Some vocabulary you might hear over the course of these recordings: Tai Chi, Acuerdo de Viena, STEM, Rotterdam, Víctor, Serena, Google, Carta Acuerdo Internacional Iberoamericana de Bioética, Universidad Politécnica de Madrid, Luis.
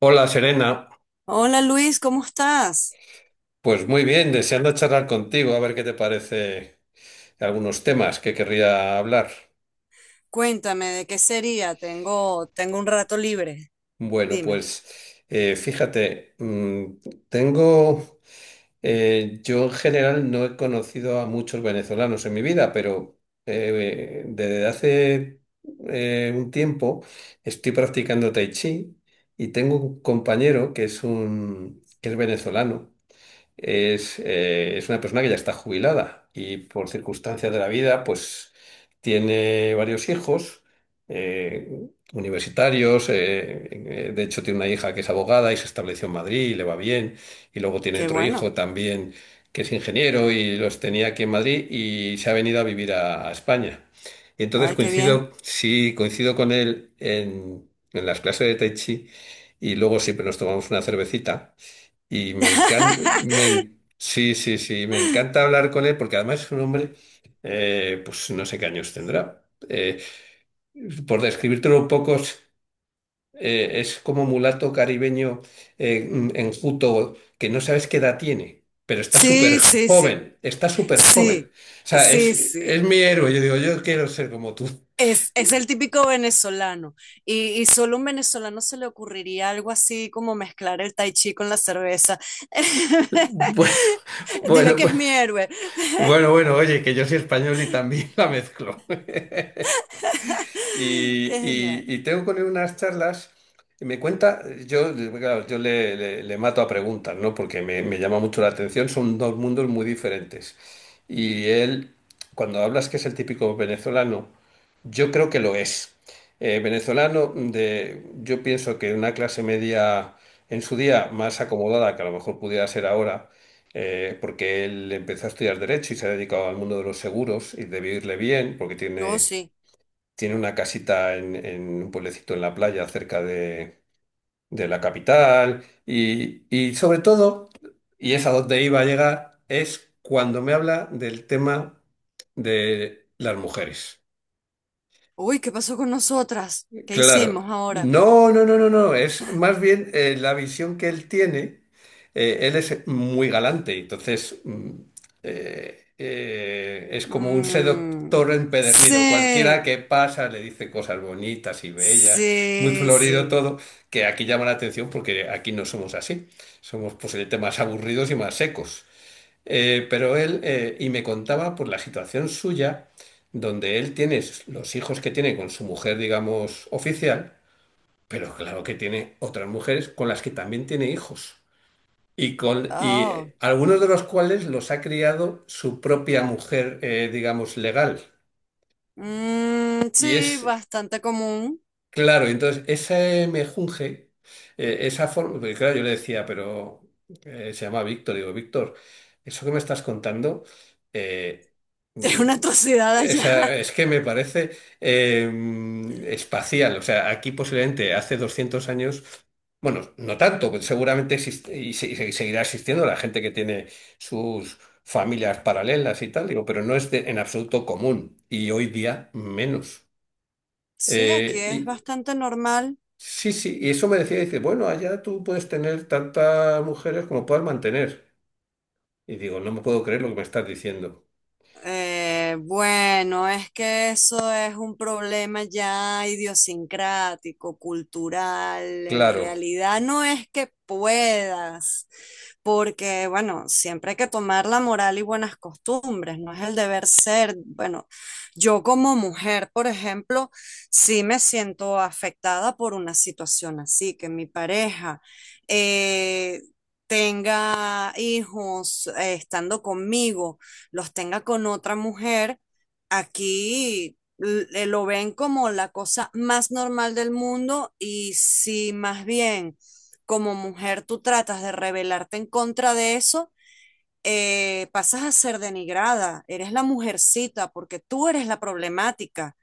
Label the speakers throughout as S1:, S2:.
S1: Hola Serena,
S2: Hola Luis, ¿cómo estás?
S1: pues muy bien, deseando charlar contigo, a ver qué te parece algunos temas que querría hablar.
S2: Cuéntame, ¿de qué sería? Tengo un rato libre.
S1: Bueno,
S2: Dime.
S1: pues fíjate, tengo, yo en general no he conocido a muchos venezolanos en mi vida, pero desde hace un tiempo estoy practicando Tai Chi y tengo un compañero que es venezolano. Es una persona que ya está jubilada y por circunstancias de la vida, pues tiene varios hijos eh, universitarios. De hecho, tiene una hija que es abogada y se estableció en Madrid y le va bien. Y luego tiene
S2: Qué
S1: otro
S2: bueno.
S1: hijo también que es ingeniero y los tenía aquí en Madrid y se ha venido a vivir a España. Y entonces
S2: Ay, qué bien.
S1: coincido, sí, coincido con él en las clases de Tai Chi y luego siempre nos tomamos una cervecita. Y me encanta, sí, sí, sí, me encanta hablar con él porque además es un hombre, pues no sé qué años tendrá. Eh, por describírtelo un poco, es como mulato caribeño enjuto que no sabes qué edad tiene, pero está súper
S2: Sí, sí, sí.
S1: joven, está súper joven.
S2: Sí,
S1: O sea,
S2: sí, sí.
S1: es mi héroe, yo digo, yo quiero ser como tú.
S2: Es el típico venezolano. Y solo a un venezolano se le ocurriría algo así como mezclar el tai chi con la cerveza.
S1: Bueno,
S2: Dile que
S1: bueno,
S2: es mi héroe.
S1: bueno, oye, que yo soy español y también la mezclo.
S2: Qué genial.
S1: Y tengo con él unas charlas. Y me cuenta. yo, claro, le mato a preguntas, ¿no? Porque me llama mucho la atención, son dos mundos muy diferentes. Y él, cuando hablas que es el típico venezolano, yo creo que lo es. Venezolano de, yo pienso que una clase media en su día más acomodada que a lo mejor pudiera ser ahora, porque él empezó a estudiar derecho y se ha dedicado al mundo de los seguros y debió irle bien porque
S2: Oh,
S1: tiene
S2: sí.
S1: tiene una casita en un pueblecito en la playa cerca de la capital y sobre todo, y es a donde iba a llegar, es cuando me habla del tema de las mujeres.
S2: Uy, ¿qué pasó con nosotras? ¿Qué
S1: Claro.
S2: hicimos ahora?
S1: No, no, no, no, no. Es más bien la visión que él tiene. Él es muy galante, entonces es como un seductor
S2: Mm,
S1: empedernido. Cualquiera
S2: sí,
S1: que pasa le dice cosas bonitas y bellas, muy
S2: sí,
S1: florido
S2: sí.
S1: todo, que aquí llama la atención porque aquí no somos así. Somos posiblemente más aburridos y más secos. Pero él, y me contaba por la situación suya, donde él tiene los hijos que tiene con su mujer, digamos, oficial, pero claro que tiene otras mujeres con las que también tiene hijos. Y, con, y
S2: Oh,
S1: Algunos de los cuales los ha criado su propia mujer, digamos, legal.
S2: mm,
S1: Y
S2: sí,
S1: es
S2: bastante común.
S1: Claro, entonces ese mejunje, esa forma, porque claro, yo le decía, pero se llama Víctor, digo, Víctor, eso que me estás contando, eh,
S2: Es
S1: mm,
S2: una atrocidad
S1: o sea,
S2: allá.
S1: es que me parece espacial, o sea, aquí posiblemente hace 200 años, bueno, no tanto, pues seguramente existe y seguirá existiendo la gente que tiene sus familias paralelas y tal, digo, pero no es en absoluto común y hoy día menos.
S2: Sí, aquí es
S1: Eh,
S2: bastante normal.
S1: Sí, sí, y eso me decía, dice, bueno, allá tú puedes tener tantas mujeres como puedas mantener. Y digo, no me puedo creer lo que me estás diciendo.
S2: Bueno, es que eso es un problema ya idiosincrático, cultural. En
S1: Claro,
S2: realidad no es que puedas, porque bueno, siempre hay que tomar la moral y buenas costumbres, no es el deber ser. Bueno, yo como mujer, por ejemplo, sí me siento afectada por una situación así, que mi pareja... eh, tenga hijos estando conmigo los tenga con otra mujer, aquí lo ven como la cosa más normal del mundo y si más bien como mujer tú tratas de rebelarte en contra de eso, pasas a ser denigrada, eres la mujercita porque tú eres la problemática,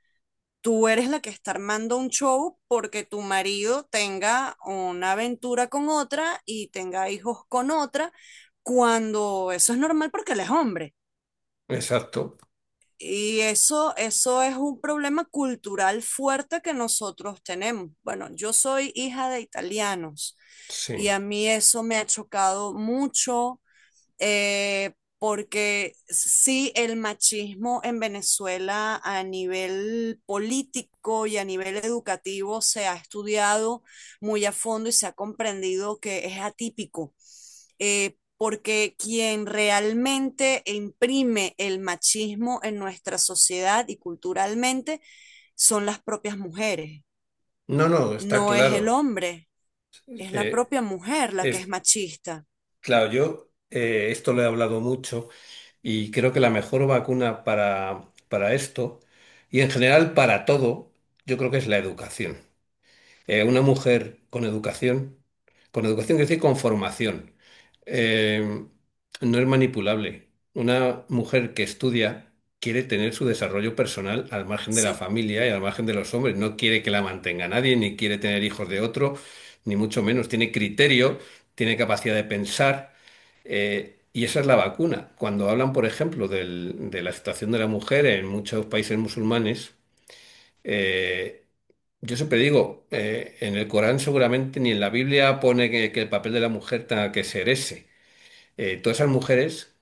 S2: tú eres la que está armando un show porque tu marido tenga una aventura con otra y tenga hijos con otra, cuando eso es normal porque él es hombre.
S1: exacto,
S2: Y eso es un problema cultural fuerte que nosotros tenemos. Bueno, yo soy hija de italianos y
S1: sí.
S2: a mí eso me ha chocado mucho eh, porque sí, el machismo en Venezuela a nivel político y a nivel educativo se ha estudiado muy a fondo y se ha comprendido que es atípico. Porque quien realmente imprime el machismo en nuestra sociedad y culturalmente son las propias mujeres,
S1: No, no, está
S2: no es el
S1: claro.
S2: hombre, es la
S1: Eh,
S2: propia mujer la que es
S1: es,
S2: machista.
S1: claro, yo esto lo he hablado mucho y creo que la mejor vacuna para esto y en general para todo, yo creo que es la educación. Una mujer con educación quiere decir con formación, eh, no es manipulable. Una mujer que estudia quiere tener su desarrollo personal al margen de la
S2: Sí,
S1: familia y al margen de los hombres. No quiere que la mantenga nadie, ni quiere tener hijos de otro, ni mucho menos. Tiene criterio, tiene capacidad de pensar. Y esa es la vacuna. Cuando hablan, por ejemplo, de la situación de la mujer en muchos países musulmanes, eh, yo siempre digo, en el Corán seguramente ni en la Biblia pone que el papel de la mujer tenga que ser ese. Todas esas mujeres,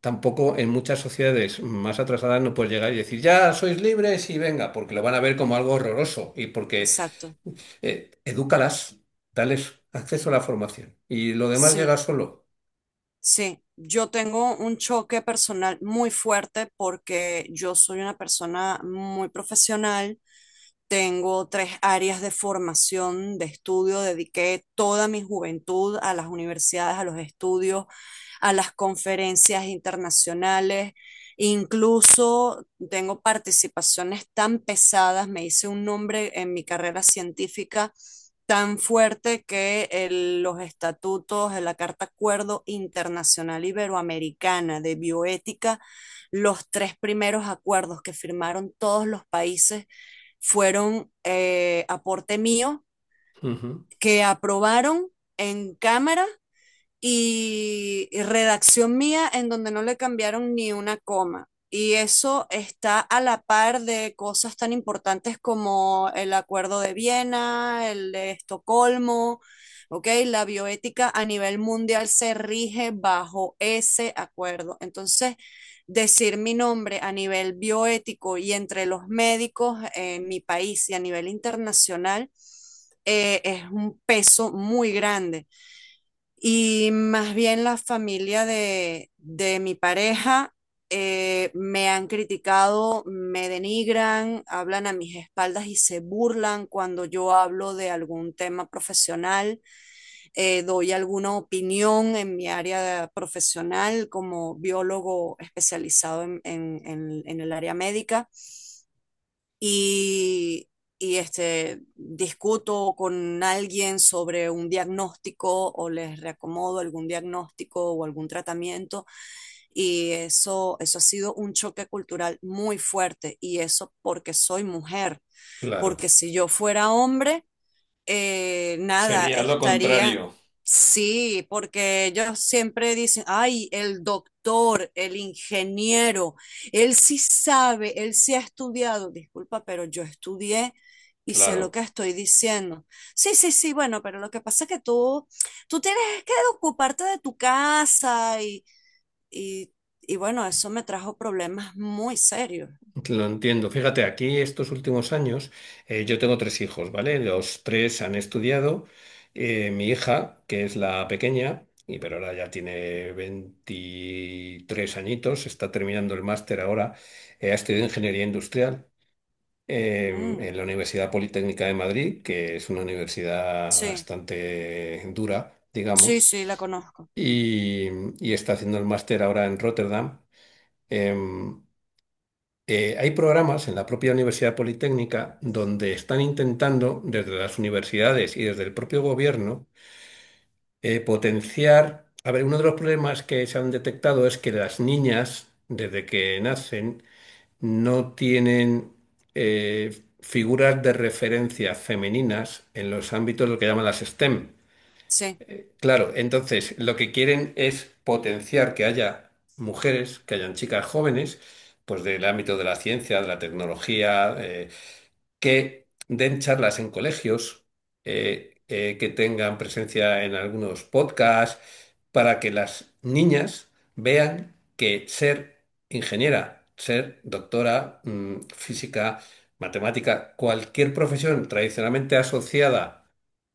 S1: tampoco en muchas sociedades más atrasadas no puedes llegar y decir, ya sois libres y venga, porque lo van a ver como algo horroroso y porque
S2: exacto.
S1: edúcalas, dales acceso a la formación y lo demás
S2: Sí.
S1: llega solo.
S2: Sí, yo tengo un choque personal muy fuerte porque yo soy una persona muy profesional. Tengo tres áreas de formación, de estudio. Dediqué toda mi juventud a las universidades, a los estudios, a las conferencias internacionales. Incluso tengo participaciones tan pesadas, me hice un nombre en mi carrera científica tan fuerte que los estatutos de la Carta Acuerdo Internacional Iberoamericana de Bioética, los tres primeros acuerdos que firmaron todos los países fueron aporte mío
S1: Ujú.
S2: que aprobaron en cámara y redacción mía en donde no le cambiaron ni una coma. Y eso está a la par de cosas tan importantes como el Acuerdo de Viena, el de Estocolmo, ¿ok? La bioética a nivel mundial se rige bajo ese acuerdo. Entonces, decir mi nombre a nivel bioético y entre los médicos en mi país y a nivel internacional es un peso muy grande. Y más bien la familia de mi pareja me han criticado, me denigran, hablan a mis espaldas y se burlan cuando yo hablo de algún tema profesional, doy alguna opinión en mi área profesional como biólogo especializado en en el área médica y, y este, discuto con alguien sobre un diagnóstico o les reacomodo algún diagnóstico o algún tratamiento. Y eso ha sido un choque cultural muy fuerte. Y eso porque soy mujer.
S1: Claro.
S2: Porque si yo fuera hombre, nada,
S1: Sería lo
S2: estaría,
S1: contrario.
S2: sí, porque ellos siempre dicen, ay, el doctor, el ingeniero, él sí sabe, él sí ha estudiado, disculpa, pero yo estudié y sé lo
S1: Claro.
S2: que estoy diciendo. Sí, sí, sí, bueno, pero lo que pasa es que tú tienes que ocuparte de tu casa y, y bueno, eso me trajo problemas muy serios.
S1: Lo entiendo. Fíjate, aquí estos últimos años yo tengo tres hijos, ¿vale? Los tres han estudiado. Mi hija, que es la pequeña, y pero ahora ya tiene 23 añitos, está terminando el máster ahora, ha estudiado ingeniería industrial eh,
S2: Mm,
S1: en la Universidad Politécnica de Madrid, que es una universidad
S2: sí,
S1: bastante dura,
S2: sí,
S1: digamos,
S2: sí, la conozco,
S1: y, y está haciendo el máster ahora en Rotterdam. Em, Hay programas en la propia Universidad Politécnica donde están intentando, desde las universidades y desde el propio gobierno, potenciar. A ver, uno de los problemas que se han detectado es que las niñas, desde que nacen, no tienen figuras de referencia femeninas en los ámbitos de lo que llaman las STEM.
S2: sí.
S1: Claro, entonces lo que quieren es potenciar que haya mujeres, que hayan chicas jóvenes, pues del ámbito de la ciencia, de la tecnología, que den charlas en colegios, que tengan presencia en algunos podcasts, para que las niñas vean que ser ingeniera, ser doctora, física, matemática, cualquier profesión tradicionalmente asociada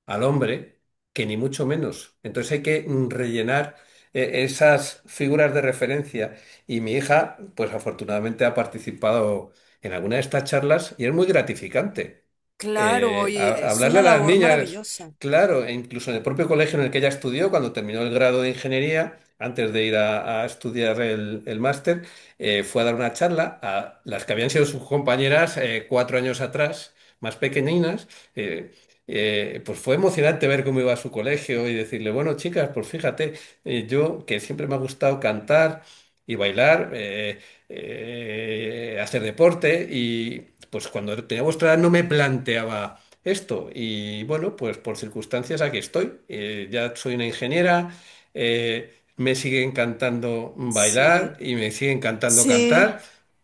S1: al hombre, que ni mucho menos. Entonces hay que rellenar esas figuras de referencia. Y mi hija, pues afortunadamente ha participado en alguna de estas charlas y es muy gratificante.
S2: Claro, y es
S1: Hablarle a
S2: una
S1: las
S2: labor
S1: niñas,
S2: maravillosa.
S1: claro, e incluso en el propio colegio en el que ella estudió, cuando terminó el grado de ingeniería, antes de ir a estudiar el máster, fue a dar una charla a las que habían sido sus compañeras 4 años atrás, más pequeñinas. eh, pues fue emocionante ver cómo iba a su colegio y decirle, bueno, chicas, pues fíjate, yo que siempre me ha gustado cantar y bailar, hacer deporte y pues cuando tenía vuestra edad no me planteaba esto y bueno, pues por circunstancias aquí estoy. Ya soy una ingeniera, me sigue encantando bailar
S2: Sí,
S1: y me sigue encantando
S2: sí,
S1: cantar.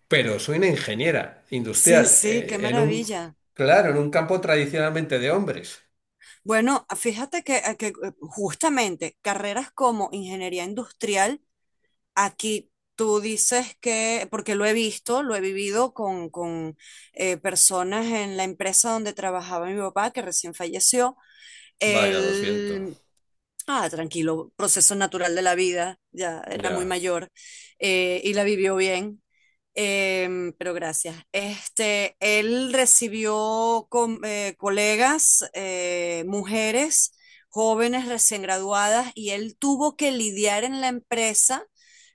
S1: Pero soy una ingeniera
S2: sí,
S1: industrial
S2: sí, qué
S1: en un
S2: maravilla.
S1: Claro, en un campo tradicionalmente de hombres.
S2: Bueno, fíjate que justamente carreras como ingeniería industrial, aquí tú dices que, porque lo he visto, lo he vivido con personas en la empresa donde trabajaba mi papá, que recién falleció,
S1: Vaya, lo siento.
S2: él. Ah, tranquilo, proceso natural de la vida, ya era muy
S1: Ya,
S2: mayor y la vivió bien, pero gracias. Este, él recibió colegas, mujeres, jóvenes recién graduadas y él tuvo que lidiar en la empresa,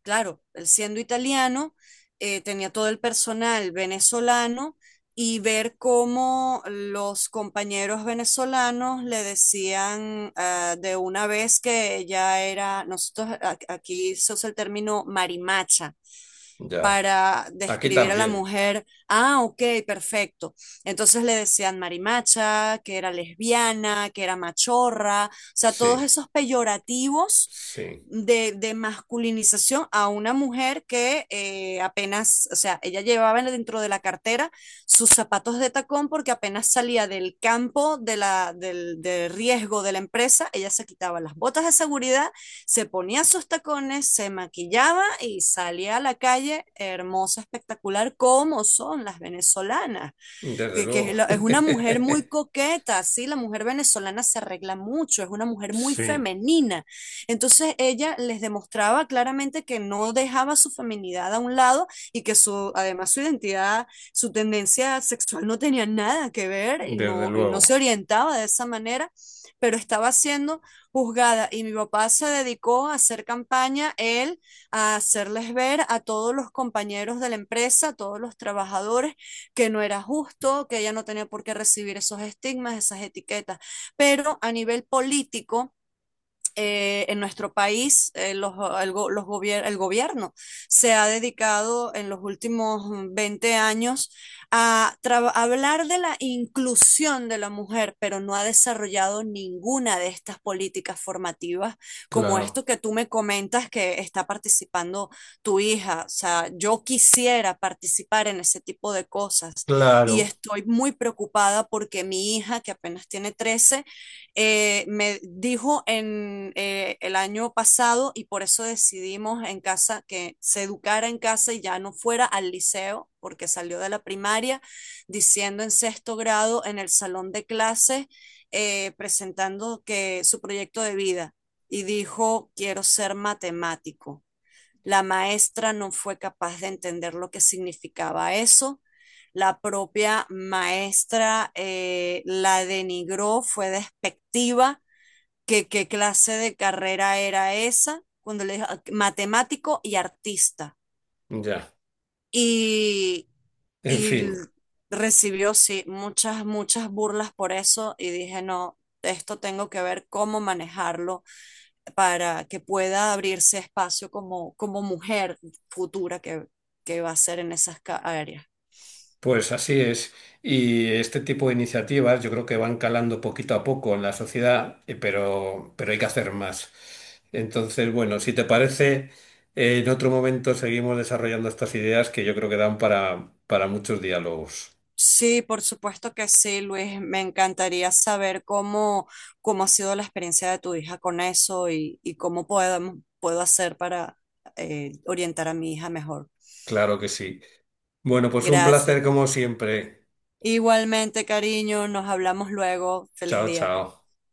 S2: claro, él siendo italiano, tenía todo el personal venezolano y ver cómo los compañeros venezolanos le decían ah, de una vez que ella era, nosotros aquí se usa el término marimacha
S1: ya.
S2: para
S1: Aquí
S2: describir a la
S1: también.
S2: mujer. Ah, ok, perfecto. Entonces le decían marimacha, que era lesbiana, que era machorra, o sea, todos
S1: Sí,
S2: esos peyorativos
S1: sí.
S2: de masculinización a una mujer que apenas, o sea, ella llevaba dentro de la cartera sus zapatos de tacón porque apenas salía del campo de la, del riesgo de la empresa, ella se quitaba las botas de seguridad, se ponía sus tacones, se maquillaba y salía a la calle hermosa, espectacular, como son las venezolanas
S1: Desde
S2: que
S1: luego.
S2: es, es una mujer muy coqueta, sí, la mujer venezolana se arregla mucho, es una mujer muy
S1: Sí,
S2: femenina. Entonces ella les demostraba claramente que no dejaba su feminidad a un lado y que su, además su identidad, su tendencia sexual no tenía nada que ver
S1: desde
S2: y no se
S1: luego.
S2: orientaba de esa manera, pero estaba siendo juzgada y mi papá se dedicó a hacer campaña, él, a hacerles ver a todos los compañeros de la empresa, a todos los trabajadores que no era justo, que ella no tenía por qué recibir esos estigmas, esas etiquetas. Pero a nivel político, en nuestro país los, el, go los gobier el, gobierno se ha dedicado en los últimos 20 años a hablar de la inclusión de la mujer, pero no ha desarrollado ninguna de estas políticas formativas como
S1: Claro,
S2: esto que tú me comentas que está participando tu hija. O sea, yo quisiera participar en ese tipo de cosas y
S1: claro.
S2: estoy muy preocupada porque mi hija, que apenas tiene 13, me dijo en el año pasado, y por eso decidimos en casa que se educara en casa y ya no fuera al liceo, porque salió de la primaria diciendo en sexto grado en el salón de clases, presentando que su proyecto de vida, y dijo, quiero ser matemático. La maestra no fue capaz de entender lo que significaba eso. La propia maestra la denigró, fue despectiva. ¿Qué ¿Qué clase de carrera era esa? Cuando le dijo matemático y artista.
S1: Ya.
S2: Y
S1: En
S2: y
S1: fin.
S2: l- Recibió, sí, muchas, muchas burlas por eso y dije, no, esto tengo que ver cómo manejarlo para que pueda abrirse espacio como, como mujer futura que va a ser en esas áreas.
S1: Pues así es. Y este tipo de iniciativas yo creo que van calando poquito a poco en la sociedad, pero hay que hacer más. Entonces, bueno, si te parece, en otro momento seguimos desarrollando estas ideas que yo creo que dan para muchos diálogos.
S2: Sí, por supuesto que sí, Luis. Me encantaría saber cómo, cómo ha sido la experiencia de tu hija con eso y cómo podemos, puedo hacer para orientar a mi hija mejor.
S1: Claro que sí. Bueno, pues un
S2: Gracias.
S1: placer como siempre.
S2: Igualmente, cariño, nos hablamos luego. Feliz
S1: Chao,
S2: día.
S1: chao.